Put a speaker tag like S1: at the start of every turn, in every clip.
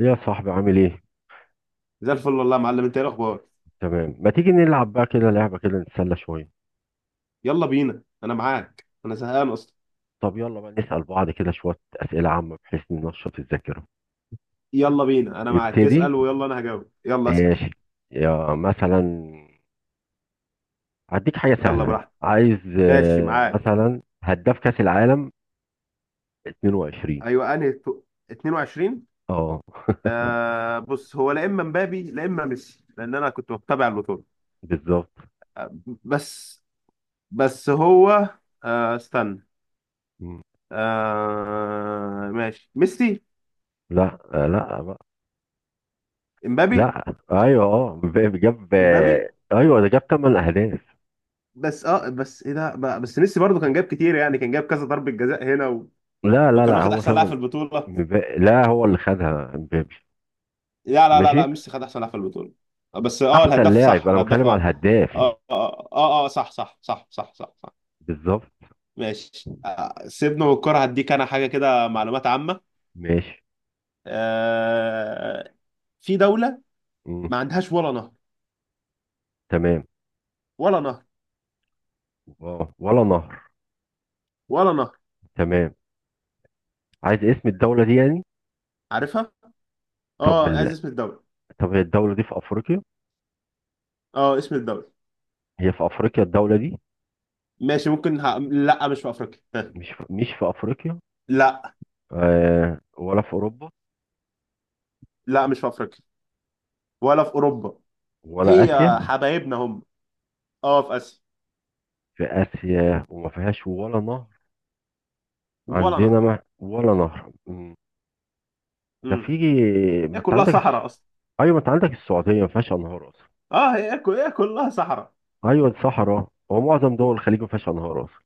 S1: يا صاحبي، عامل ايه؟
S2: زي الفل والله يا معلم. انت ايه الاخبار؟
S1: تمام. ما تيجي نلعب بقى كده لعبة كده، نتسلى شوية؟
S2: يلا بينا، انا معاك، انا زهقان اصلا.
S1: طب يلا بقى نسأل بعض كده شوية أسئلة عامة، بحيث ننشط الذاكرة.
S2: يلا بينا، انا معاك،
S1: ابتدي.
S2: اسال، ويلا انا هجاوب، يلا اسال.
S1: ماشي. يا مثلا هديك حاجة
S2: يلا
S1: سهلة،
S2: براحتك.
S1: عايز
S2: ماشي معاك.
S1: مثلا هداف كأس العالم 22.
S2: ايوه، انهي 22.
S1: اه،
S2: آه، بص هو لا اما مبابي لا اما ميسي، لان انا كنت بتابع البطوله.
S1: بالظبط.
S2: آه. بس. بس هو. آه، استنى.
S1: مم.
S2: آه ماشي، ميسي.
S1: لا، لا بقى.
S2: امبابي.
S1: لا، ايوه، اه، مبابي جاب،
S2: امبابي.
S1: ايوه ده جاب 8 اهداف.
S2: بس بس بس ميسي برضه كان جاب كتير يعني، كان جاب كذا ضربه جزاء هنا و...
S1: لا لا
S2: وكان
S1: لا،
S2: واخد
S1: هو
S2: احسن لاعب في
S1: 8.
S2: البطوله.
S1: لا، هو اللي خدها مبابي.
S2: لا، لا، لا،
S1: ماشي.
S2: لا، ميسي خد احسن لاعب في البطوله. آه، بس
S1: احسن
S2: الهداف
S1: لاعب،
S2: صح،
S1: انا
S2: الهداف
S1: بتكلم على
S2: اه
S1: الهداف يعني.
S2: اه، اه، آه، صح صح صح صح صح صح.
S1: بالظبط.
S2: ماشي. سيبنا من الكوره، هديك انا حاجه كده معلومات عامه.
S1: ماشي.
S2: آه. في دوله
S1: مم.
S2: ما عندهاش ولا نهر.
S1: تمام.
S2: ولا نهر.
S1: واو. ولا نهر.
S2: ولا نهر.
S1: تمام. عايز اسم الدولة دي يعني.
S2: عارفها.
S1: طب
S2: اه، عايز
S1: ال...
S2: اسم الدوله.
S1: طب هي الدولة دي في افريقيا؟
S2: اه، اسم الدوله.
S1: هي في افريقيا الدولة دي؟
S2: ماشي، ممكن لا مش في افريقيا، ها.
S1: مش في افريقيا.
S2: لا.
S1: ولا في اوروبا؟
S2: لا، مش في افريقيا، ولا في اوروبا.
S1: ولا
S2: هي
S1: اسيا؟
S2: حبايبنا هم. اه، في اسيا.
S1: في اسيا وما فيهاش ولا نهر؟
S2: ولا نهر.
S1: عندنا ما... ولا نهر. مم. ده في...
S2: امم هي
S1: ما انت
S2: كلها
S1: عندك
S2: صحراء اصلا.
S1: ايوه، ما انت عندك السعودية ما فيهاش انهار اصلا.
S2: اه، هي كلها صحراء.
S1: ايوه الصحراء، هو معظم دول الخليج ما فيهاش انهار اصلا.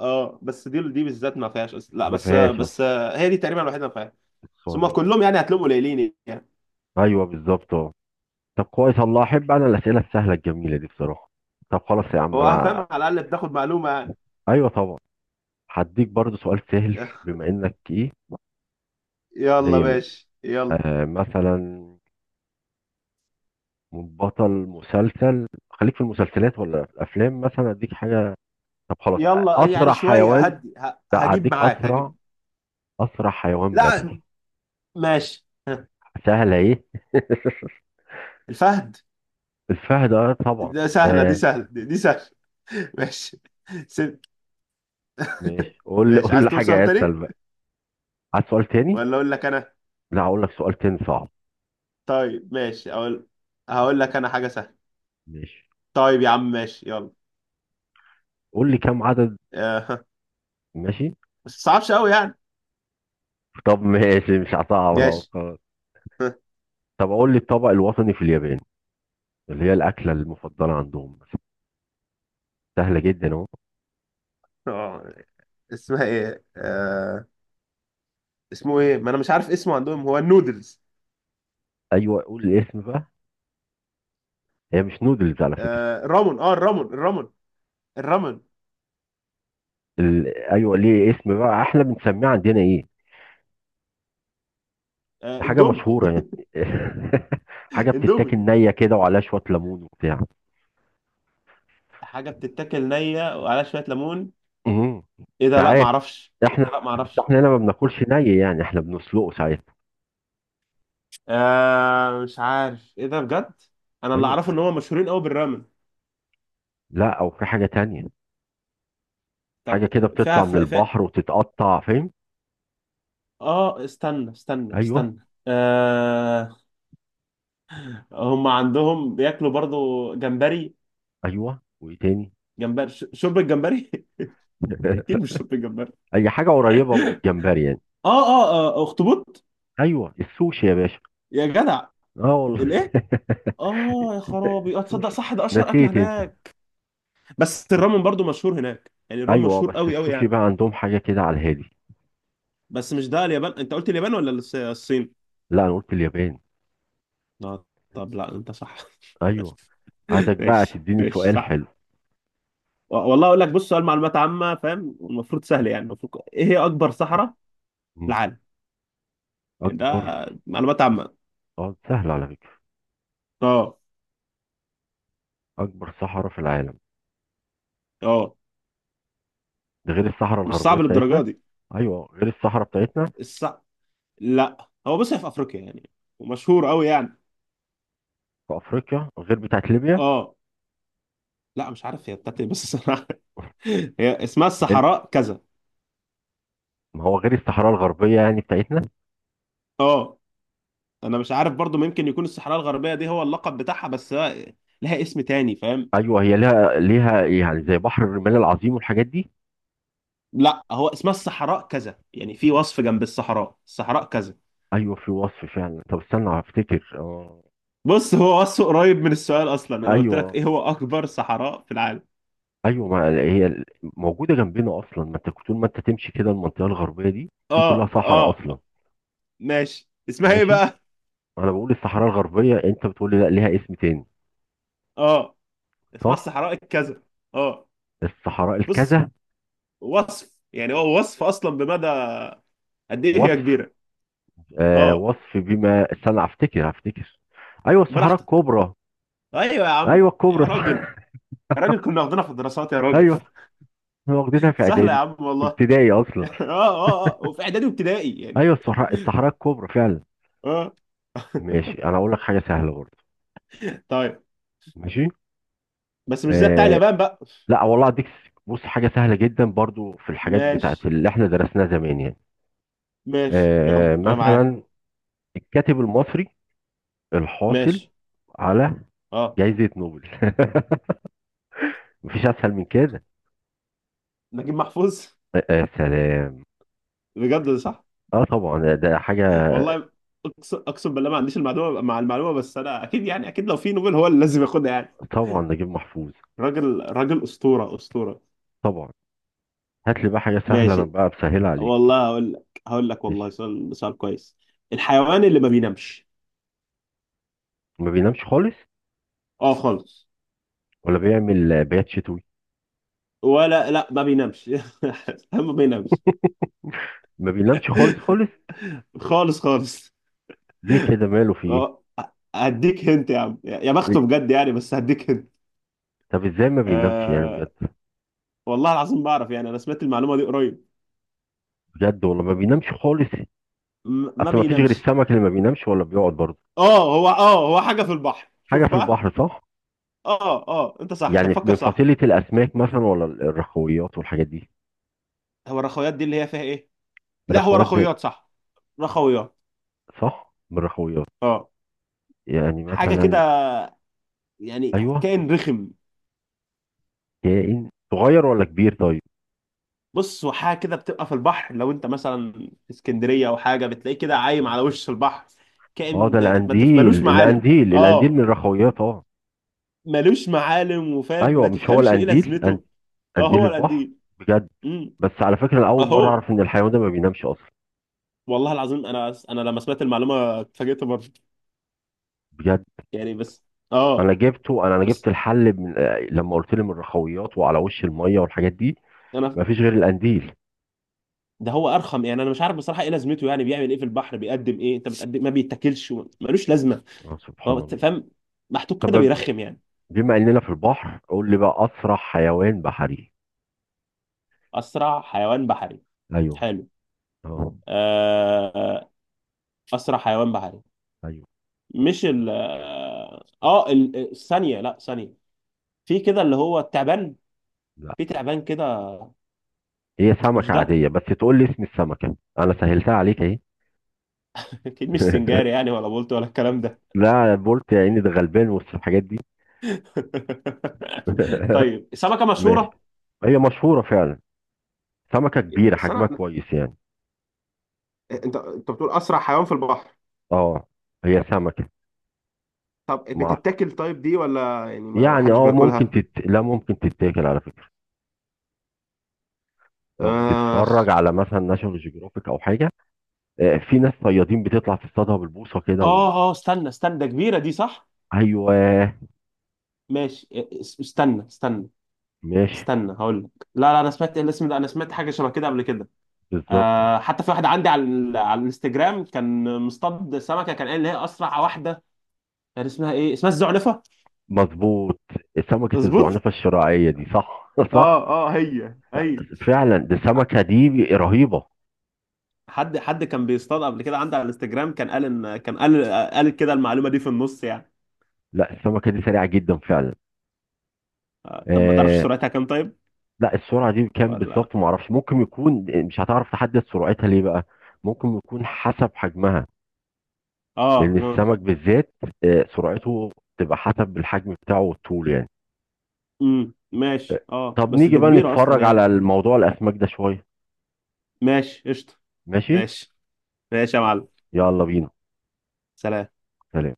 S2: اه، بس دي بالذات ما فيهاش لا،
S1: ما
S2: بس
S1: فيهاش
S2: بس
S1: اصلا.
S2: هي دي تقريبا الوحيده اللي ما فيهاش. ثم
S1: السعودية.
S2: كلهم يعني هتلاقيهم قليلين يعني.
S1: ايوه بالظبط، اه. طب كويس، الله احب انا الاسئله السهله الجميله دي بصراحه. طب خلاص يا عم،
S2: هو
S1: انا...
S2: فاهم، على الاقل بتاخد معلومه يعني.
S1: ايوه طبعا. هديك برضو سؤال سهل، بما انك ايه.
S2: يلا
S1: مية مية.
S2: ماشي، يلا.
S1: مثلا بطل مسلسل، خليك في المسلسلات ولا في الافلام، مثلا اديك حاجه. طب خلاص.
S2: يلا يعني
S1: اسرع
S2: شويه
S1: حيوان.
S2: هدي،
S1: لا
S2: هجيب
S1: هديك
S2: معاك،
S1: اسرع،
S2: هجيب.
S1: اسرع حيوان
S2: لا.
S1: بري.
S2: ماشي. ها،
S1: سهله ايه.
S2: الفهد.
S1: الفهد، اه طبعا،
S2: ده سهله، دي
S1: آه.
S2: سهله سهله. ماشي. ست.
S1: ماشي. قول لي
S2: ماشي،
S1: قول
S2: عايز
S1: لي
S2: تقول سؤال
S1: حاجه اسهل
S2: تاني؟
S1: بقى. عايز سؤال تاني.
S2: ولا اقول لك انا؟
S1: لا، هقول لك سؤال تاني صعب.
S2: طيب ماشي، اقول. هقول لك انا حاجه سهله.
S1: ماشي.
S2: طيب يا عم، ماشي يلا.
S1: قول لي كم عدد. ماشي.
S2: بس صعبش قوي يعني.
S1: طب ماشي، مش هصعب اهو
S2: ماشي.
S1: خلاص. طب اقول لي الطبق الوطني في اليابان، اللي هي الاكله المفضله عندهم مثلا. سهله جدا اهو.
S2: آه، اسمها ايه. اسمه ايه؟ ما انا مش عارف اسمه عندهم، هو النودلز.
S1: ايوه قول الاسم بقى. هي مش نودلز على فكره.
S2: آه، الرامون، اه، الرامون الرامون. الرامون.
S1: ايوه، ليه اسم بقى، احنا بنسميه عندنا ايه.
S2: آه،
S1: حاجه
S2: اندومي.
S1: مشهوره يعني. حاجه
S2: اندومي.
S1: بتتاكل نيه كده وعليها شويه ليمون وبتاع.
S2: حاجه بتتاكل نيه وعليها شويه ليمون.
S1: امم
S2: ايه ده؟ لا ما
S1: ساعات
S2: اعرفش، ايه
S1: احنا،
S2: ده؟ لا ما
S1: بس
S2: اعرفش.
S1: احنا هنا ما بناكلش ني، يعني احنا بنسلقه ساعات.
S2: آه، مش عارف ايه ده بجد. انا اللي
S1: ايوه
S2: اعرفه
S1: بجد.
S2: ان هم مشهورين قوي بالرامن.
S1: لا، او في حاجه تانية. حاجه
S2: طب
S1: كده بتطلع من
S2: فيها.
S1: البحر وتتقطع، فاهم.
S2: اه، استنى استنى
S1: ايوه.
S2: استنى، آه. هم عندهم بياكلوا برضو جمبري.
S1: ايوه، وايه تاني؟
S2: جمبري، شوربة جمبري. اكيد مش شط الجمبري.
S1: اي حاجه قريبه من الجمبري يعني.
S2: اه، اه. آه، اخطبوط.
S1: ايوه السوشي يا باشا.
S2: يا جدع.
S1: اه والله.
S2: الايه؟ اه يا خرابي، اه تصدق
S1: السوشي.
S2: صح ده اشهر اكل
S1: نسيت انت.
S2: هناك. بس الرامن برضو مشهور هناك يعني، الرامن
S1: ايوه،
S2: مشهور
S1: بس
S2: قوي قوي
S1: السوشي
S2: يعني.
S1: بقى عندهم حاجه كده على الهادي.
S2: بس مش ده اليابان؟ انت قلت اليابان ولا الصين؟
S1: لا، انا قلت اليابان.
S2: اه. طب لا، انت صح.
S1: ايوه. عايزك بقى
S2: ماشي
S1: تديني
S2: ماشي
S1: سؤال
S2: صح.
S1: حلو.
S2: والله اقول لك، بص، سؤال معلومات عامه، فاهم؟ المفروض سهل يعني، المفروض، ايه هي اكبر صحراء في
S1: مم.
S2: العالم؟ يعني ده
S1: اكبر.
S2: معلومات عامه.
S1: اه، سهل على فكره.
S2: اه.
S1: اكبر صحراء في العالم،
S2: اه.
S1: ده غير الصحراء
S2: مش
S1: الغربيه
S2: صعب
S1: بتاعتنا.
S2: للدرجه دي.
S1: ايوه غير الصحراء بتاعتنا،
S2: الص... لا، هو بص، هي في افريقيا يعني. ومشهور قوي يعني.
S1: في افريقيا غير بتاعت ليبيا.
S2: اه. لا مش عارف هي بتاعت ايه، بس انا هي اسمها
S1: انت...
S2: الصحراء كذا.
S1: ما هو غير الصحراء الغربيه يعني بتاعتنا.
S2: اه، انا مش عارف برضو، ممكن يكون الصحراء الغربيه دي هو اللقب بتاعها، بس لها اسم تاني، فاهم؟
S1: ايوه، هي ليها يعني زي بحر الرمال العظيم والحاجات دي.
S2: لا، هو اسمها الصحراء كذا يعني، في وصف جنب الصحراء كذا.
S1: ايوه في وصف فعلا، طب استنى هفتكر، اه.
S2: بص، هو وصفه قريب من السؤال اصلا. انا قلت لك
S1: ايوه.
S2: ايه هو اكبر صحراء في العالم؟
S1: ايوه، ما هي موجوده جنبنا اصلا، ما انت طول ما انت تمشي كده المنطقه الغربيه دي كلها
S2: اه،
S1: صحراء اصلا.
S2: اه. ماشي، اسمها ايه
S1: ماشي.
S2: بقى؟
S1: انا بقول الصحراء الغربيه، انت بتقول لي لا، ليها اسم تاني.
S2: اه، اسمها
S1: صح.
S2: الصحراء الكذا. اه.
S1: الصحراء
S2: بص،
S1: الكذا.
S2: وصف يعني، هو وصف اصلا بمدى قد ايه هي
S1: وصف.
S2: كبيره. اه.
S1: وصف بما استنى هفتكر هفتكر. ايوه الصحراء
S2: براحتك.
S1: الكبرى.
S2: ايوه يا
S1: ايوه
S2: عم، يا
S1: الكبرى، صح.
S2: راجل. يا راجل كنا واخدينها في الدراسات يا راجل.
S1: ايوه احنا واخدينها في
S2: سهله يا
S1: اعدادي،
S2: عم
S1: في
S2: والله.
S1: ابتدائي اصلا.
S2: اه، اه، اه، وفي اعدادي وابتدائي يعني.
S1: ايوه الصحراء الكبرى فعلا.
S2: اه.
S1: ماشي، انا اقول لك حاجه سهله برضه.
S2: طيب.
S1: ماشي.
S2: بس مش زي بتاع
S1: آه
S2: اليابان بقى.
S1: لا والله اديك بص حاجه سهله جدا برضه، في الحاجات بتاعت
S2: ماشي
S1: اللي احنا درسناها زمان يعني.
S2: ماشي، يلا انا معاه.
S1: مثلا الكاتب المصري الحاصل
S2: ماشي.
S1: على
S2: اه.
S1: جائزه نوبل. مفيش اسهل من كده.
S2: نجيب محفوظ.
S1: آه آه، سلام.
S2: بجد ده صح؟
S1: اه طبعا، ده حاجه.
S2: والله اقسم، اقسم بالله ما عنديش المعلومه مع المعلومه، بس انا اكيد يعني، اكيد لو في نوبل هو اللي لازم ياخدها يعني.
S1: طبعا، نجيب محفوظ.
S2: راجل راجل، اسطوره اسطوره.
S1: طبعا. هات لي بقى حاجه سهله، انا
S2: ماشي
S1: بقى بسهلها عليك.
S2: والله، هقول لك والله،
S1: ماشي.
S2: سؤال كويس. الحيوان اللي ما بينامش.
S1: ما بينامش خالص،
S2: اه خالص.
S1: ولا بيعمل بيات شتوي.
S2: ولا لا، ما بينامش. ما بينامش
S1: ما بينامش خالص خالص.
S2: خالص خالص.
S1: ليه كده، ماله في ايه؟
S2: اه، هديك هنت يا عم يا بخته
S1: إيه؟
S2: بجد يعني، بس هديك هنت.
S1: طب ازاي ما بينامش يعني
S2: آه
S1: بجد.
S2: والله العظيم بعرف يعني، انا سمعت المعلومه دي قريب.
S1: بجد والله، ما بينامش خالص.
S2: ما
S1: اصل ما فيش غير
S2: بينامش.
S1: السمك اللي ما بينامش ولا بيقعد برضه.
S2: اه، هو حاجه في البحر،
S1: حاجه
S2: شوف
S1: في
S2: بقى.
S1: البحر، صح.
S2: اه، اه، انت صح، انت
S1: يعني
S2: بتفكر
S1: من
S2: صح.
S1: فصيله الاسماك مثلا، ولا الرخويات والحاجات دي.
S2: هو الرخويات دي اللي هي فيها ايه؟ لا، هو
S1: الرخويات زي...
S2: رخويات صح. رخويات.
S1: صح، من الرخويات.
S2: اه.
S1: يعني
S2: حاجه كده
S1: مثلا.
S2: يعني.
S1: ايوه.
S2: كائن رخم.
S1: كائن صغير ولا كبير طيب.
S2: بص، هو حاجه كده بتبقى في البحر، لو انت مثلا في اسكندريه او حاجه بتلاقيه كده عايم على وش البحر.
S1: اه، ده
S2: كائن ما تف- ملوش
S1: القنديل،
S2: معالم
S1: القنديل القنديل من
S2: اه
S1: الرخويات، اه.
S2: ملوش معالم، وفاهم،
S1: ايوه،
S2: ما
S1: مش هو
S2: تفهمش ايه
S1: القنديل،
S2: لازمته. اه،
S1: قنديل
S2: هو
S1: البحر.
S2: القنديل.
S1: بجد.
S2: امم.
S1: بس على فكره انا اول مره
S2: اهو.
S1: اعرف ان الحيوان ده ما بينامش اصلا.
S2: والله العظيم، انا لما سمعت المعلومه اتفاجئت برضه.
S1: بجد.
S2: يعني بس.
S1: انا
S2: اه.
S1: جبته، انا
S2: بس
S1: جبت الحل من لما قلت لي من الرخويات وعلى وش الميه والحاجات دي.
S2: انا
S1: ما فيش غير القنديل.
S2: ده هو ارخم يعني، انا مش عارف بصراحه ايه لازمته، يعني بيعمل ايه في البحر، بيقدم ايه، انت بتقدم إيه؟ ما بيتاكلش، ملوش لازمه.
S1: آه
S2: هو
S1: سبحان
S2: أنت
S1: الله.
S2: فاهم، محطوط كده
S1: طب
S2: بيرخم يعني.
S1: بما اننا في البحر، قول لي بقى اسرع حيوان بحري.
S2: أسرع حيوان بحري.
S1: ايوه.
S2: حلو.
S1: اه.
S2: آه، أسرع حيوان بحري.
S1: ايوه.
S2: مش ال آه آه، ال- الثانية، لا ثانية في كده اللي هو التعبان.
S1: لا،
S2: في تعبان كده.
S1: هي
S2: مش
S1: سمكه
S2: ده.
S1: عاديه، بس تقول لي اسم السمكه، انا سهلتها عليك اهي.
S2: أكيد مش سنجاري يعني، ولا بولت ولا الكلام ده.
S1: لا بولت يا عيني، ده غلبان وسط الحاجات دي.
S2: طيب، سمكة
S1: ماشي.
S2: مشهورة.
S1: هي مشهوره فعلا، سمكه كبيره
S2: بس
S1: حجمها كويس يعني.
S2: انت بتقول اسرع حيوان في البحر.
S1: اه، هي سمكه.
S2: طب
S1: مع...
S2: بتتاكل طيب دي ولا يعني ما
S1: يعني
S2: حدش
S1: اه ممكن
S2: بياكلها؟
S1: لا، ممكن تتاكل على فكره. لو
S2: آه،
S1: بتتفرج على مثلا ناشونال جيوغرافيك او حاجه، في ناس صيادين بتطلع تصطادها بالبوصه كده و...
S2: آه، آه، استنى استنى، ده كبيرة دي صح؟
S1: ايوه.
S2: ماشي إيه، استنى استنى.
S1: ماشي.
S2: استنى هقول لك، لا لا، انا سمعت، إيه الاسم ده؟ انا سمعت حاجه شبه كده قبل كده.
S1: بالظبط.
S2: آه حتى في واحده عندي على على الانستجرام كان مصطاد سمكه كان قال ان هي اسرع واحده. كان اسمها ايه، اسمها الزعنفه.
S1: مظبوط. سمكه
S2: مظبوط.
S1: الزعنفه الشراعيه دي، صح. صح.
S2: اه، اه، هي هي.
S1: فعلا، دي السمكه دي رهيبه.
S2: حد كان بيصطاد قبل كده عندي على الانستجرام، كان قال ان كان قال. قال كده المعلومه دي في النص يعني.
S1: لا، السمكه دي سريعه جدا فعلا.
S2: آه، طب ما تعرفش
S1: آه
S2: سرعتها كام طيب؟
S1: لا، السرعه دي كام
S2: ولا.
S1: بالظبط ما اعرفش. ممكن يكون مش هتعرف تحدد سرعتها، ليه بقى. ممكن يكون حسب حجمها،
S2: اه،
S1: لان
S2: ممكن.
S1: السمك بالذات سرعته تبقى حسب الحجم بتاعه والطول يعني.
S2: ماشي، اه
S1: طب
S2: بس
S1: نيجي
S2: ده
S1: بقى
S2: كبيره اصلا
S1: نتفرج على
S2: يعني.
S1: الموضوع الاسماك ده شويه.
S2: ماشي قشطه.
S1: ماشي
S2: ماشي. ماشي يا معلم.
S1: يلا بينا.
S2: سلام.
S1: سلام.